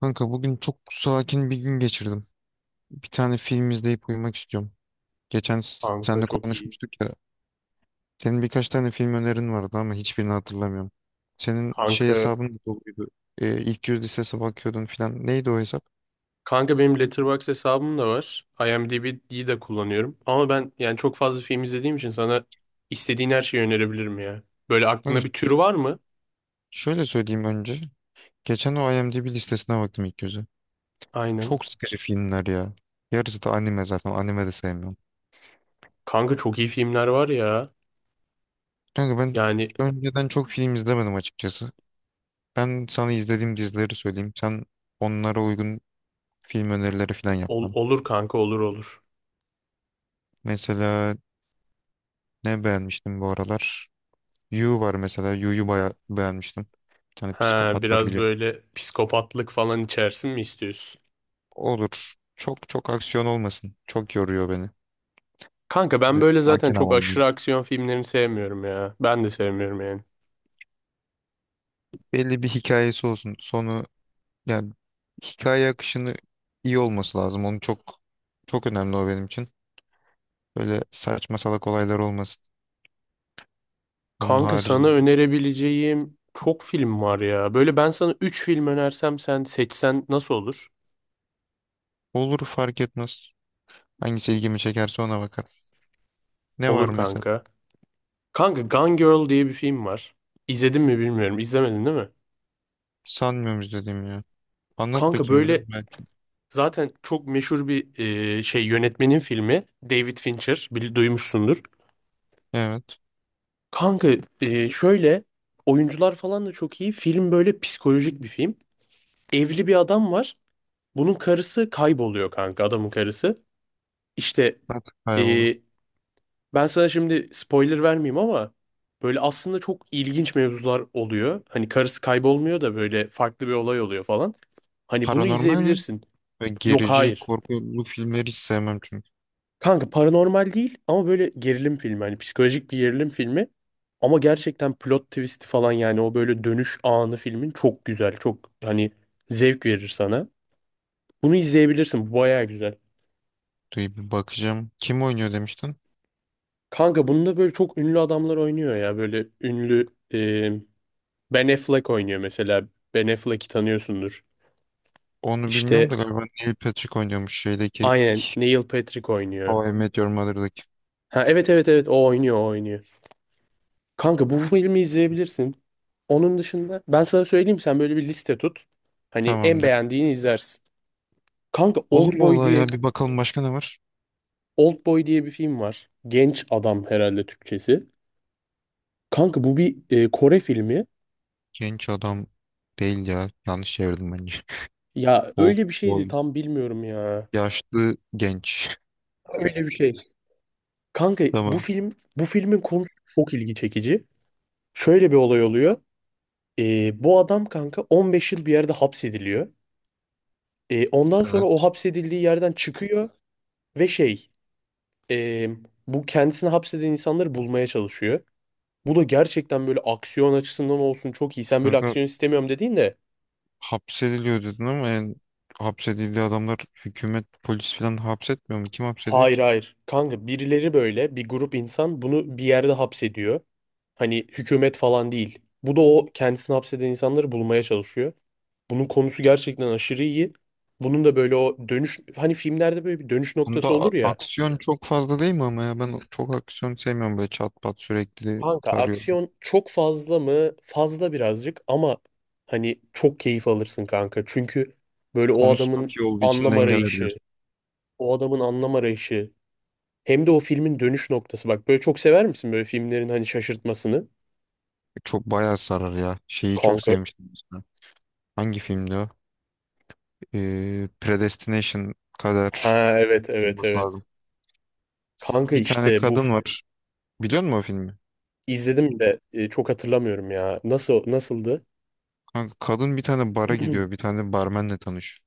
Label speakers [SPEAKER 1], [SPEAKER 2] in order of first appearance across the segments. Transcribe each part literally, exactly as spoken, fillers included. [SPEAKER 1] Kanka bugün çok sakin bir gün geçirdim. Bir tane film izleyip uyumak istiyorum. Geçen s-
[SPEAKER 2] Kanka
[SPEAKER 1] seninle
[SPEAKER 2] çok iyi.
[SPEAKER 1] konuşmuştuk ya. Senin birkaç tane film önerin vardı ama hiçbirini hatırlamıyorum. Senin şey
[SPEAKER 2] Kanka
[SPEAKER 1] hesabın da doluydu. Ee, ilk yüz listesine bakıyordun filan. Neydi o hesap?
[SPEAKER 2] kanka benim Letterboxd hesabım da var. I M D B'yi de kullanıyorum. Ama ben yani çok fazla film izlediğim için sana istediğin her şeyi önerebilirim ya. Böyle
[SPEAKER 1] Kanka
[SPEAKER 2] aklında
[SPEAKER 1] ş-
[SPEAKER 2] bir tür var mı?
[SPEAKER 1] şöyle söyleyeyim önce. Geçen o IMDb listesine baktım ilk yüzü.
[SPEAKER 2] Aynen.
[SPEAKER 1] Çok sıkıcı filmler ya. Yarısı da anime zaten. Anime de sevmiyorum.
[SPEAKER 2] Kanka çok iyi filmler var ya.
[SPEAKER 1] Kanka ben
[SPEAKER 2] Yani
[SPEAKER 1] önceden çok film izlemedim açıkçası. Ben sana izlediğim dizileri söyleyeyim. Sen onlara uygun film önerileri falan
[SPEAKER 2] ol-
[SPEAKER 1] yapmam.
[SPEAKER 2] olur kanka, olur olur.
[SPEAKER 1] Mesela ne beğenmiştim bu aralar? You var mesela. You'yu bayağı beğenmiştim. Bir tane
[SPEAKER 2] Ha,
[SPEAKER 1] psikopat var
[SPEAKER 2] biraz
[SPEAKER 1] biliyorum.
[SPEAKER 2] böyle psikopatlık falan içersin mi istiyorsun?
[SPEAKER 1] Olur. Çok çok aksiyon olmasın. Çok yoruyor beni.
[SPEAKER 2] Kanka ben
[SPEAKER 1] Ve
[SPEAKER 2] böyle zaten
[SPEAKER 1] sakin
[SPEAKER 2] çok
[SPEAKER 1] havamdayım.
[SPEAKER 2] aşırı aksiyon filmlerini sevmiyorum ya. Ben de sevmiyorum yani.
[SPEAKER 1] Belli bir hikayesi olsun. Sonu, yani hikaye akışını iyi olması lazım. Onu çok, çok önemli o benim için. Böyle saçma salak olaylar olmasın. Onun
[SPEAKER 2] Kanka sana
[SPEAKER 1] haricinde.
[SPEAKER 2] önerebileceğim çok film var ya. Böyle ben sana üç film önersem sen seçsen nasıl olur?
[SPEAKER 1] Olur, fark etmez. Hangisi ilgimi çekerse ona bakarım. Ne var
[SPEAKER 2] Olur
[SPEAKER 1] mesela?
[SPEAKER 2] kanka. Kanka Gone Girl diye bir film var. İzledin mi bilmiyorum. İzlemedin değil mi?
[SPEAKER 1] Sanmıyorum izlediğim ya. Anlat
[SPEAKER 2] Kanka
[SPEAKER 1] bakayım biraz
[SPEAKER 2] böyle
[SPEAKER 1] belki.
[SPEAKER 2] zaten çok meşhur bir e, şey yönetmenin filmi. David Fincher. Bil, duymuşsundur.
[SPEAKER 1] Evet.
[SPEAKER 2] Kanka e, şöyle, oyuncular falan da çok iyi. Film böyle psikolojik bir film. Evli bir adam var. Bunun karısı kayboluyor kanka, adamın karısı. İşte
[SPEAKER 1] Artık
[SPEAKER 2] e,
[SPEAKER 1] kayboldu.
[SPEAKER 2] ben sana şimdi spoiler vermeyeyim ama böyle aslında çok ilginç mevzular oluyor. Hani karısı kaybolmuyor da böyle farklı bir olay oluyor falan. Hani bunu
[SPEAKER 1] Paranormal mi?
[SPEAKER 2] izleyebilirsin.
[SPEAKER 1] Ve
[SPEAKER 2] Yok,
[SPEAKER 1] gerici
[SPEAKER 2] hayır.
[SPEAKER 1] korkulu filmleri hiç sevmem çünkü.
[SPEAKER 2] Kanka paranormal değil ama böyle gerilim filmi. Hani psikolojik bir gerilim filmi. Ama gerçekten plot twist'i falan, yani o böyle dönüş anı filmin çok güzel. Çok hani zevk verir sana. Bunu izleyebilirsin. Bu bayağı güzel.
[SPEAKER 1] Dur bir bakacağım. Kim oynuyor demiştin?
[SPEAKER 2] Kanka bunda böyle çok ünlü adamlar oynuyor ya. Böyle ünlü, Ben Affleck oynuyor mesela. Ben Affleck'i tanıyorsundur.
[SPEAKER 1] Onu bilmiyorum da
[SPEAKER 2] İşte
[SPEAKER 1] galiba Neil Patrick oynuyormuş şeydeki
[SPEAKER 2] aynen, Neil Patrick
[SPEAKER 1] How
[SPEAKER 2] oynuyor.
[SPEAKER 1] I Met Your Mother'daki.
[SPEAKER 2] Ha evet evet evet, o oynuyor o oynuyor. Kanka bu filmi izleyebilirsin. Onun dışında ben sana söyleyeyim, sen böyle bir liste tut. Hani en
[SPEAKER 1] Tamamdır.
[SPEAKER 2] beğendiğini izlersin. Kanka
[SPEAKER 1] Olur
[SPEAKER 2] Oldboy
[SPEAKER 1] vallahi
[SPEAKER 2] diye
[SPEAKER 1] ya, bir bakalım başka ne var?
[SPEAKER 2] Oldboy diye bir film var. Genç adam, herhalde Türkçesi. Kanka bu bir e, Kore filmi.
[SPEAKER 1] Genç adam değil ya. Yanlış çevirdim bence.
[SPEAKER 2] Ya
[SPEAKER 1] Old
[SPEAKER 2] öyle bir şeydi,
[SPEAKER 1] boy.
[SPEAKER 2] tam bilmiyorum ya.
[SPEAKER 1] Yaşlı genç.
[SPEAKER 2] Öyle bir şey. Kanka bu
[SPEAKER 1] Tamam.
[SPEAKER 2] film, bu filmin konusu çok ilgi çekici. Şöyle bir olay oluyor. Ee, bu adam kanka, on beş yıl bir yerde hapsediliyor. Ee, ondan sonra o
[SPEAKER 1] Evet.
[SPEAKER 2] hapsedildiği yerden çıkıyor ve şey e, bu, kendisini hapseden insanları bulmaya çalışıyor. Bu da gerçekten böyle aksiyon açısından olsun çok iyi. Sen böyle
[SPEAKER 1] Kanka
[SPEAKER 2] aksiyon istemiyorum dediğin de,
[SPEAKER 1] hapsediliyor dedin ama, yani hapsedildiği adamlar hükümet, polis falan hapsetmiyor mu? Kim hapsediyor
[SPEAKER 2] hayır
[SPEAKER 1] ki?
[SPEAKER 2] hayır. Kanka birileri, böyle bir grup insan bunu bir yerde hapsediyor. Hani hükümet falan değil. Bu da o kendisini hapseden insanları bulmaya çalışıyor. Bunun konusu gerçekten aşırı iyi. Bunun da böyle o dönüş, hani filmlerde böyle bir dönüş
[SPEAKER 1] Bunda
[SPEAKER 2] noktası
[SPEAKER 1] a-
[SPEAKER 2] olur ya.
[SPEAKER 1] aksiyon çok fazla değil mi ama ya, ben çok aksiyon sevmiyorum, böyle çat pat sürekli
[SPEAKER 2] Kanka
[SPEAKER 1] tarıyorum.
[SPEAKER 2] aksiyon çok fazla mı? Fazla birazcık ama hani çok keyif alırsın kanka. Çünkü böyle o
[SPEAKER 1] Konusu çok
[SPEAKER 2] adamın
[SPEAKER 1] iyi olduğu için
[SPEAKER 2] anlam
[SPEAKER 1] dengeler
[SPEAKER 2] arayışı,
[SPEAKER 1] diyorsun.
[SPEAKER 2] o adamın anlam arayışı, hem de o filmin dönüş noktası. Bak, böyle çok sever misin böyle filmlerin hani şaşırtmasını?
[SPEAKER 1] E, Çok bayağı sarar ya. Şeyi çok
[SPEAKER 2] Kanka.
[SPEAKER 1] sevmiştim mesela. Hangi filmdi o? Ee, Predestination kadar
[SPEAKER 2] Ha evet evet
[SPEAKER 1] olması
[SPEAKER 2] evet.
[SPEAKER 1] lazım.
[SPEAKER 2] Kanka
[SPEAKER 1] Bir tane
[SPEAKER 2] işte bu
[SPEAKER 1] kadın
[SPEAKER 2] f-
[SPEAKER 1] var. Biliyor musun o filmi?
[SPEAKER 2] izledim de e, çok hatırlamıyorum ya. Nasıl nasıldı?
[SPEAKER 1] Kanka, kadın bir tane bara gidiyor. Bir tane barmenle tanışıyor.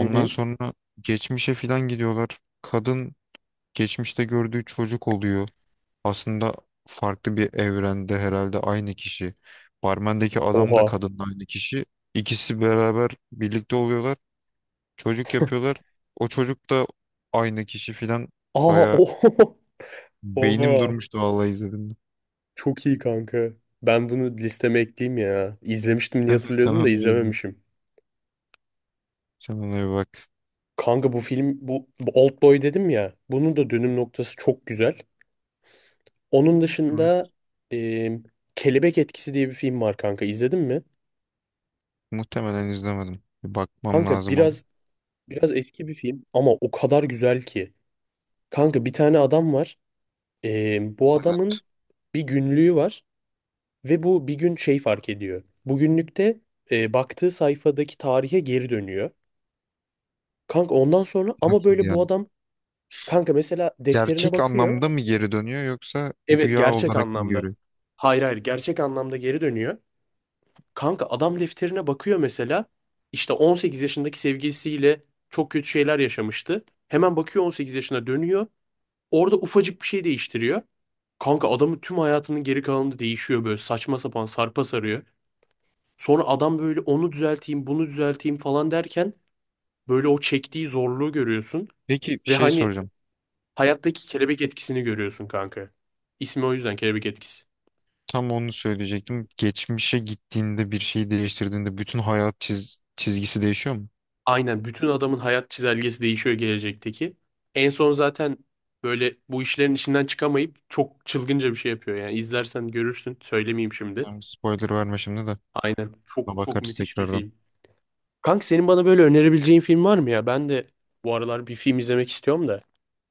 [SPEAKER 2] Hı hı.
[SPEAKER 1] sonra geçmişe filan gidiyorlar. Kadın geçmişte gördüğü çocuk oluyor. Aslında farklı bir evrende herhalde aynı kişi. Barmendeki adam da
[SPEAKER 2] Oha.
[SPEAKER 1] kadın da aynı kişi. İkisi beraber birlikte oluyorlar. Çocuk yapıyorlar. O çocuk da aynı kişi filan.
[SPEAKER 2] Aa
[SPEAKER 1] Baya
[SPEAKER 2] oho.
[SPEAKER 1] beynim
[SPEAKER 2] Oha.
[SPEAKER 1] durmuştu vallahi izledim.
[SPEAKER 2] Çok iyi kanka. Ben bunu listeme ekleyeyim ya. İzlemiştim diye
[SPEAKER 1] Sen, sen
[SPEAKER 2] hatırlıyordum da
[SPEAKER 1] onu bir izle.
[SPEAKER 2] izlememişim.
[SPEAKER 1] Sen ona bir bak.
[SPEAKER 2] Kanka bu film bu, bu Old Boy dedim ya. Bunun da dönüm noktası çok güzel. Onun
[SPEAKER 1] Evet.
[SPEAKER 2] dışında e, Kelebek Etkisi diye bir film var kanka. İzledin mi?
[SPEAKER 1] Muhtemelen izlemedim. Bir bakmam
[SPEAKER 2] Kanka
[SPEAKER 1] lazım ama.
[SPEAKER 2] biraz biraz eski bir film ama o kadar güzel ki. Kanka bir tane adam var. E, bu
[SPEAKER 1] Evet.
[SPEAKER 2] adamın bir günlüğü var. Ve bu bir gün şey fark ediyor. Bugünlükte e, baktığı sayfadaki tarihe geri dönüyor. Kanka ondan sonra, ama
[SPEAKER 1] Nasıl
[SPEAKER 2] böyle bu
[SPEAKER 1] yani?
[SPEAKER 2] adam kanka mesela defterine
[SPEAKER 1] Gerçek
[SPEAKER 2] bakıyor.
[SPEAKER 1] anlamda mı geri dönüyor yoksa
[SPEAKER 2] Evet,
[SPEAKER 1] rüya
[SPEAKER 2] gerçek
[SPEAKER 1] olarak mı
[SPEAKER 2] anlamda.
[SPEAKER 1] görüyor?
[SPEAKER 2] Hayır hayır, gerçek anlamda geri dönüyor. Kanka adam defterine bakıyor mesela. İşte on sekiz yaşındaki sevgilisiyle çok kötü şeyler yaşamıştı. Hemen bakıyor, on sekiz yaşına dönüyor. Orada ufacık bir şey değiştiriyor. Kanka adamın tüm hayatının geri kalanında değişiyor, böyle saçma sapan sarpa sarıyor. Sonra adam böyle onu düzelteyim, bunu düzelteyim falan derken, böyle o çektiği zorluğu görüyorsun
[SPEAKER 1] Peki
[SPEAKER 2] ve
[SPEAKER 1] şey
[SPEAKER 2] hani
[SPEAKER 1] soracağım.
[SPEAKER 2] hayattaki kelebek etkisini görüyorsun kanka. İsmi o yüzden kelebek etkisi.
[SPEAKER 1] Tam onu söyleyecektim. Geçmişe gittiğinde bir şeyi değiştirdiğinde bütün hayat çiz- çizgisi değişiyor mu?
[SPEAKER 2] Aynen, bütün adamın hayat çizelgesi değişiyor, gelecekteki. En son zaten böyle bu işlerin içinden çıkamayıp çok çılgınca bir şey yapıyor, yani izlersen görürsün, söylemeyeyim şimdi.
[SPEAKER 1] Yani spoiler verme şimdi de.
[SPEAKER 2] Aynen, çok
[SPEAKER 1] Buna
[SPEAKER 2] çok
[SPEAKER 1] bakarız
[SPEAKER 2] müthiş bir
[SPEAKER 1] tekrardan.
[SPEAKER 2] film. Kanka senin bana böyle önerebileceğin film var mı ya? Ben de bu aralar bir film izlemek istiyorum da.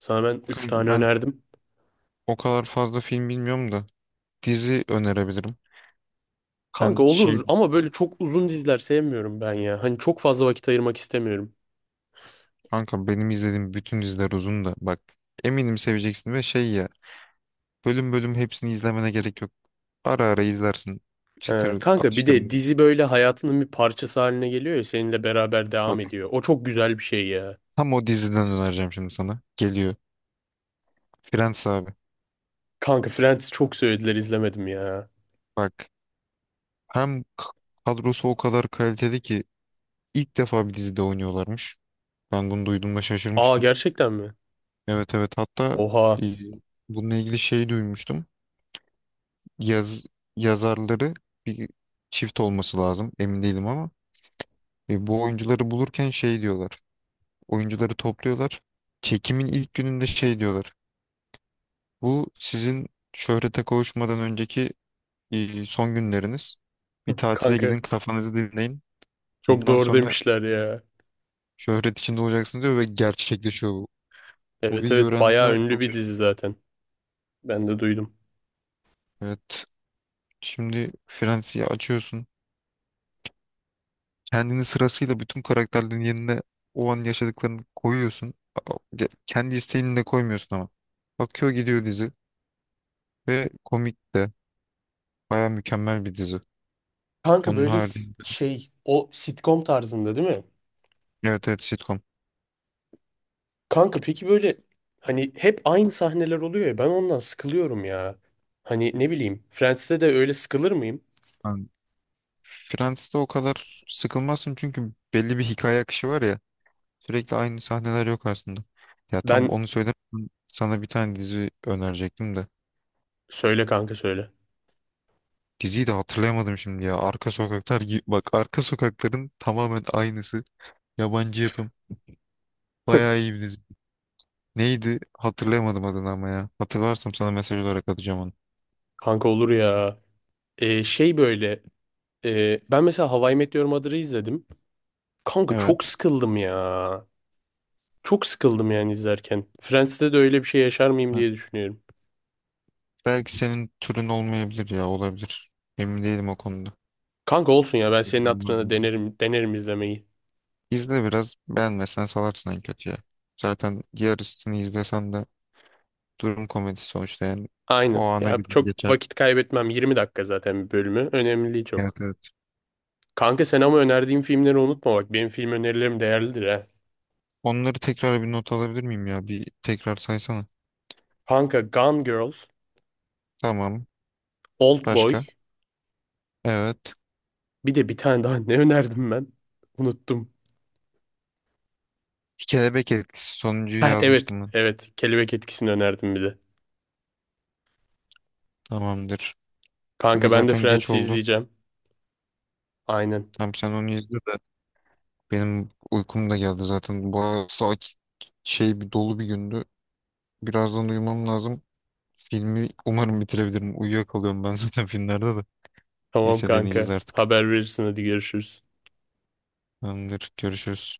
[SPEAKER 2] Sana ben üç
[SPEAKER 1] Kanka
[SPEAKER 2] tane
[SPEAKER 1] ben
[SPEAKER 2] önerdim.
[SPEAKER 1] o kadar fazla film bilmiyorum da dizi önerebilirim.
[SPEAKER 2] Kanka
[SPEAKER 1] Sen şey,
[SPEAKER 2] olur ama böyle çok uzun diziler sevmiyorum ben ya. Hani çok fazla vakit ayırmak istemiyorum.
[SPEAKER 1] kanka benim izlediğim bütün diziler uzun da bak, eminim seveceksin ve şey ya, bölüm bölüm hepsini izlemene gerek yok. Ara ara izlersin.
[SPEAKER 2] He,
[SPEAKER 1] Çıtır
[SPEAKER 2] kanka bir de
[SPEAKER 1] atıştırmalık.
[SPEAKER 2] dizi böyle hayatının bir parçası haline geliyor ya, seninle beraber devam
[SPEAKER 1] Bak,
[SPEAKER 2] ediyor. O çok güzel bir şey ya.
[SPEAKER 1] tam o diziden önereceğim şimdi sana. Geliyor. Friends abi.
[SPEAKER 2] Kanka Friends çok söylediler, izlemedim ya.
[SPEAKER 1] Bak, hem k- kadrosu o kadar kaliteli ki ilk defa bir dizide oynuyorlarmış. Ben bunu duyduğumda
[SPEAKER 2] Aa,
[SPEAKER 1] şaşırmıştım.
[SPEAKER 2] gerçekten mi?
[SPEAKER 1] Evet, evet, hatta
[SPEAKER 2] Oha.
[SPEAKER 1] e, bununla ilgili şey duymuştum. Yaz, yazarları bir çift olması lazım, emin değilim ama e, bu oyuncuları bulurken şey diyorlar. Oyuncuları topluyorlar. Çekimin ilk gününde şey diyorlar. Bu sizin şöhrete kavuşmadan önceki e, son günleriniz. Bir tatile
[SPEAKER 2] Kanka
[SPEAKER 1] gidin, kafanızı dinleyin.
[SPEAKER 2] çok
[SPEAKER 1] Bundan
[SPEAKER 2] doğru
[SPEAKER 1] sonra
[SPEAKER 2] demişler ya.
[SPEAKER 1] şöhret içinde olacaksın diyor ve gerçekleşiyor bu. Bu
[SPEAKER 2] Evet
[SPEAKER 1] bilgiyi
[SPEAKER 2] evet, bayağı
[SPEAKER 1] öğrendiğimde
[SPEAKER 2] ünlü
[SPEAKER 1] çok
[SPEAKER 2] bir dizi
[SPEAKER 1] şaşırdım.
[SPEAKER 2] zaten. Ben de duydum.
[SPEAKER 1] Evet. Şimdi Fransa'yı açıyorsun. Kendini sırasıyla bütün karakterlerin yerine, o an yaşadıklarını koyuyorsun. A- ge- Kendi isteğini de koymuyorsun ama. Akıyor gidiyor dizi. Ve komik de. Baya mükemmel bir dizi.
[SPEAKER 2] Kanka
[SPEAKER 1] Onun
[SPEAKER 2] böyle s-
[SPEAKER 1] haricinde.
[SPEAKER 2] şey, o sitcom tarzında değil mi?
[SPEAKER 1] Evet evet, sitcom.
[SPEAKER 2] Kanka peki böyle hani hep aynı sahneler oluyor ya, ben ondan sıkılıyorum ya. Hani ne bileyim, Friends'te de öyle sıkılır mıyım?
[SPEAKER 1] Yani Friends'te o kadar sıkılmazsın çünkü belli bir hikaye akışı var ya. Sürekli aynı sahneler yok aslında. Ya tam
[SPEAKER 2] Ben
[SPEAKER 1] onu söyledim. Sana bir tane dizi önerecektim de.
[SPEAKER 2] Söyle kanka, söyle.
[SPEAKER 1] Diziyi de hatırlayamadım şimdi ya. Arka Sokaklar gibi. Bak, Arka Sokakların tamamen aynısı. Yabancı yapım. Bayağı iyi bir dizi. Neydi? Hatırlayamadım adını ama ya. Hatırlarsam sana mesaj olarak atacağım onu.
[SPEAKER 2] Kanka olur ya. Ee, şey böyle e, ben mesela How I Met Your Mother'ı izledim. Kanka çok
[SPEAKER 1] Evet.
[SPEAKER 2] sıkıldım ya. Çok sıkıldım yani izlerken. Friends'te de öyle bir şey yaşar mıyım
[SPEAKER 1] Evet.
[SPEAKER 2] diye düşünüyorum.
[SPEAKER 1] Belki senin türün olmayabilir ya. Olabilir. Emin değilim o konuda.
[SPEAKER 2] Kanka olsun ya, ben senin
[SPEAKER 1] Belli olmaz
[SPEAKER 2] hatırına
[SPEAKER 1] bu.
[SPEAKER 2] denerim, denerim izlemeyi.
[SPEAKER 1] İzle biraz. Beğenmezsen salarsın en kötü ya. Zaten yarısını izlesen de durum komedisi sonuçta yani. O
[SPEAKER 2] Aynen.
[SPEAKER 1] ana
[SPEAKER 2] Ya
[SPEAKER 1] gider
[SPEAKER 2] çok
[SPEAKER 1] geçer.
[SPEAKER 2] vakit kaybetmem. yirmi dakika zaten bir bölümü. Önemli değil çok.
[SPEAKER 1] Evet evet.
[SPEAKER 2] Kanka sen ama önerdiğim filmleri unutma bak. Benim film önerilerim değerlidir ha.
[SPEAKER 1] Onları tekrar bir not alabilir miyim ya? Bir tekrar saysana.
[SPEAKER 2] Kanka Gone Girl,
[SPEAKER 1] Tamam.
[SPEAKER 2] Old Boy.
[SPEAKER 1] Başka? Evet.
[SPEAKER 2] Bir de bir tane daha ne önerdim ben? Unuttum.
[SPEAKER 1] Kelebek etkisi sonuncuyu
[SPEAKER 2] Ha evet
[SPEAKER 1] yazmıştım ben.
[SPEAKER 2] evet. Kelebek etkisini önerdim bir de.
[SPEAKER 1] Tamamdır.
[SPEAKER 2] Kanka
[SPEAKER 1] Kanka
[SPEAKER 2] ben de
[SPEAKER 1] zaten geç
[SPEAKER 2] Friends'i
[SPEAKER 1] oldu.
[SPEAKER 2] izleyeceğim. Aynen.
[SPEAKER 1] Tamam, sen onu izle de benim uykum da geldi zaten. Bu saat şey, bir dolu bir gündü. Birazdan uyumam lazım. Filmi umarım bitirebilirim. Uyuyakalıyorum ben zaten filmlerde de.
[SPEAKER 2] Tamam
[SPEAKER 1] Neyse deneyeceğiz
[SPEAKER 2] kanka.
[SPEAKER 1] artık.
[SPEAKER 2] Haber verirsin, hadi görüşürüz.
[SPEAKER 1] Tamamdır. Görüşürüz.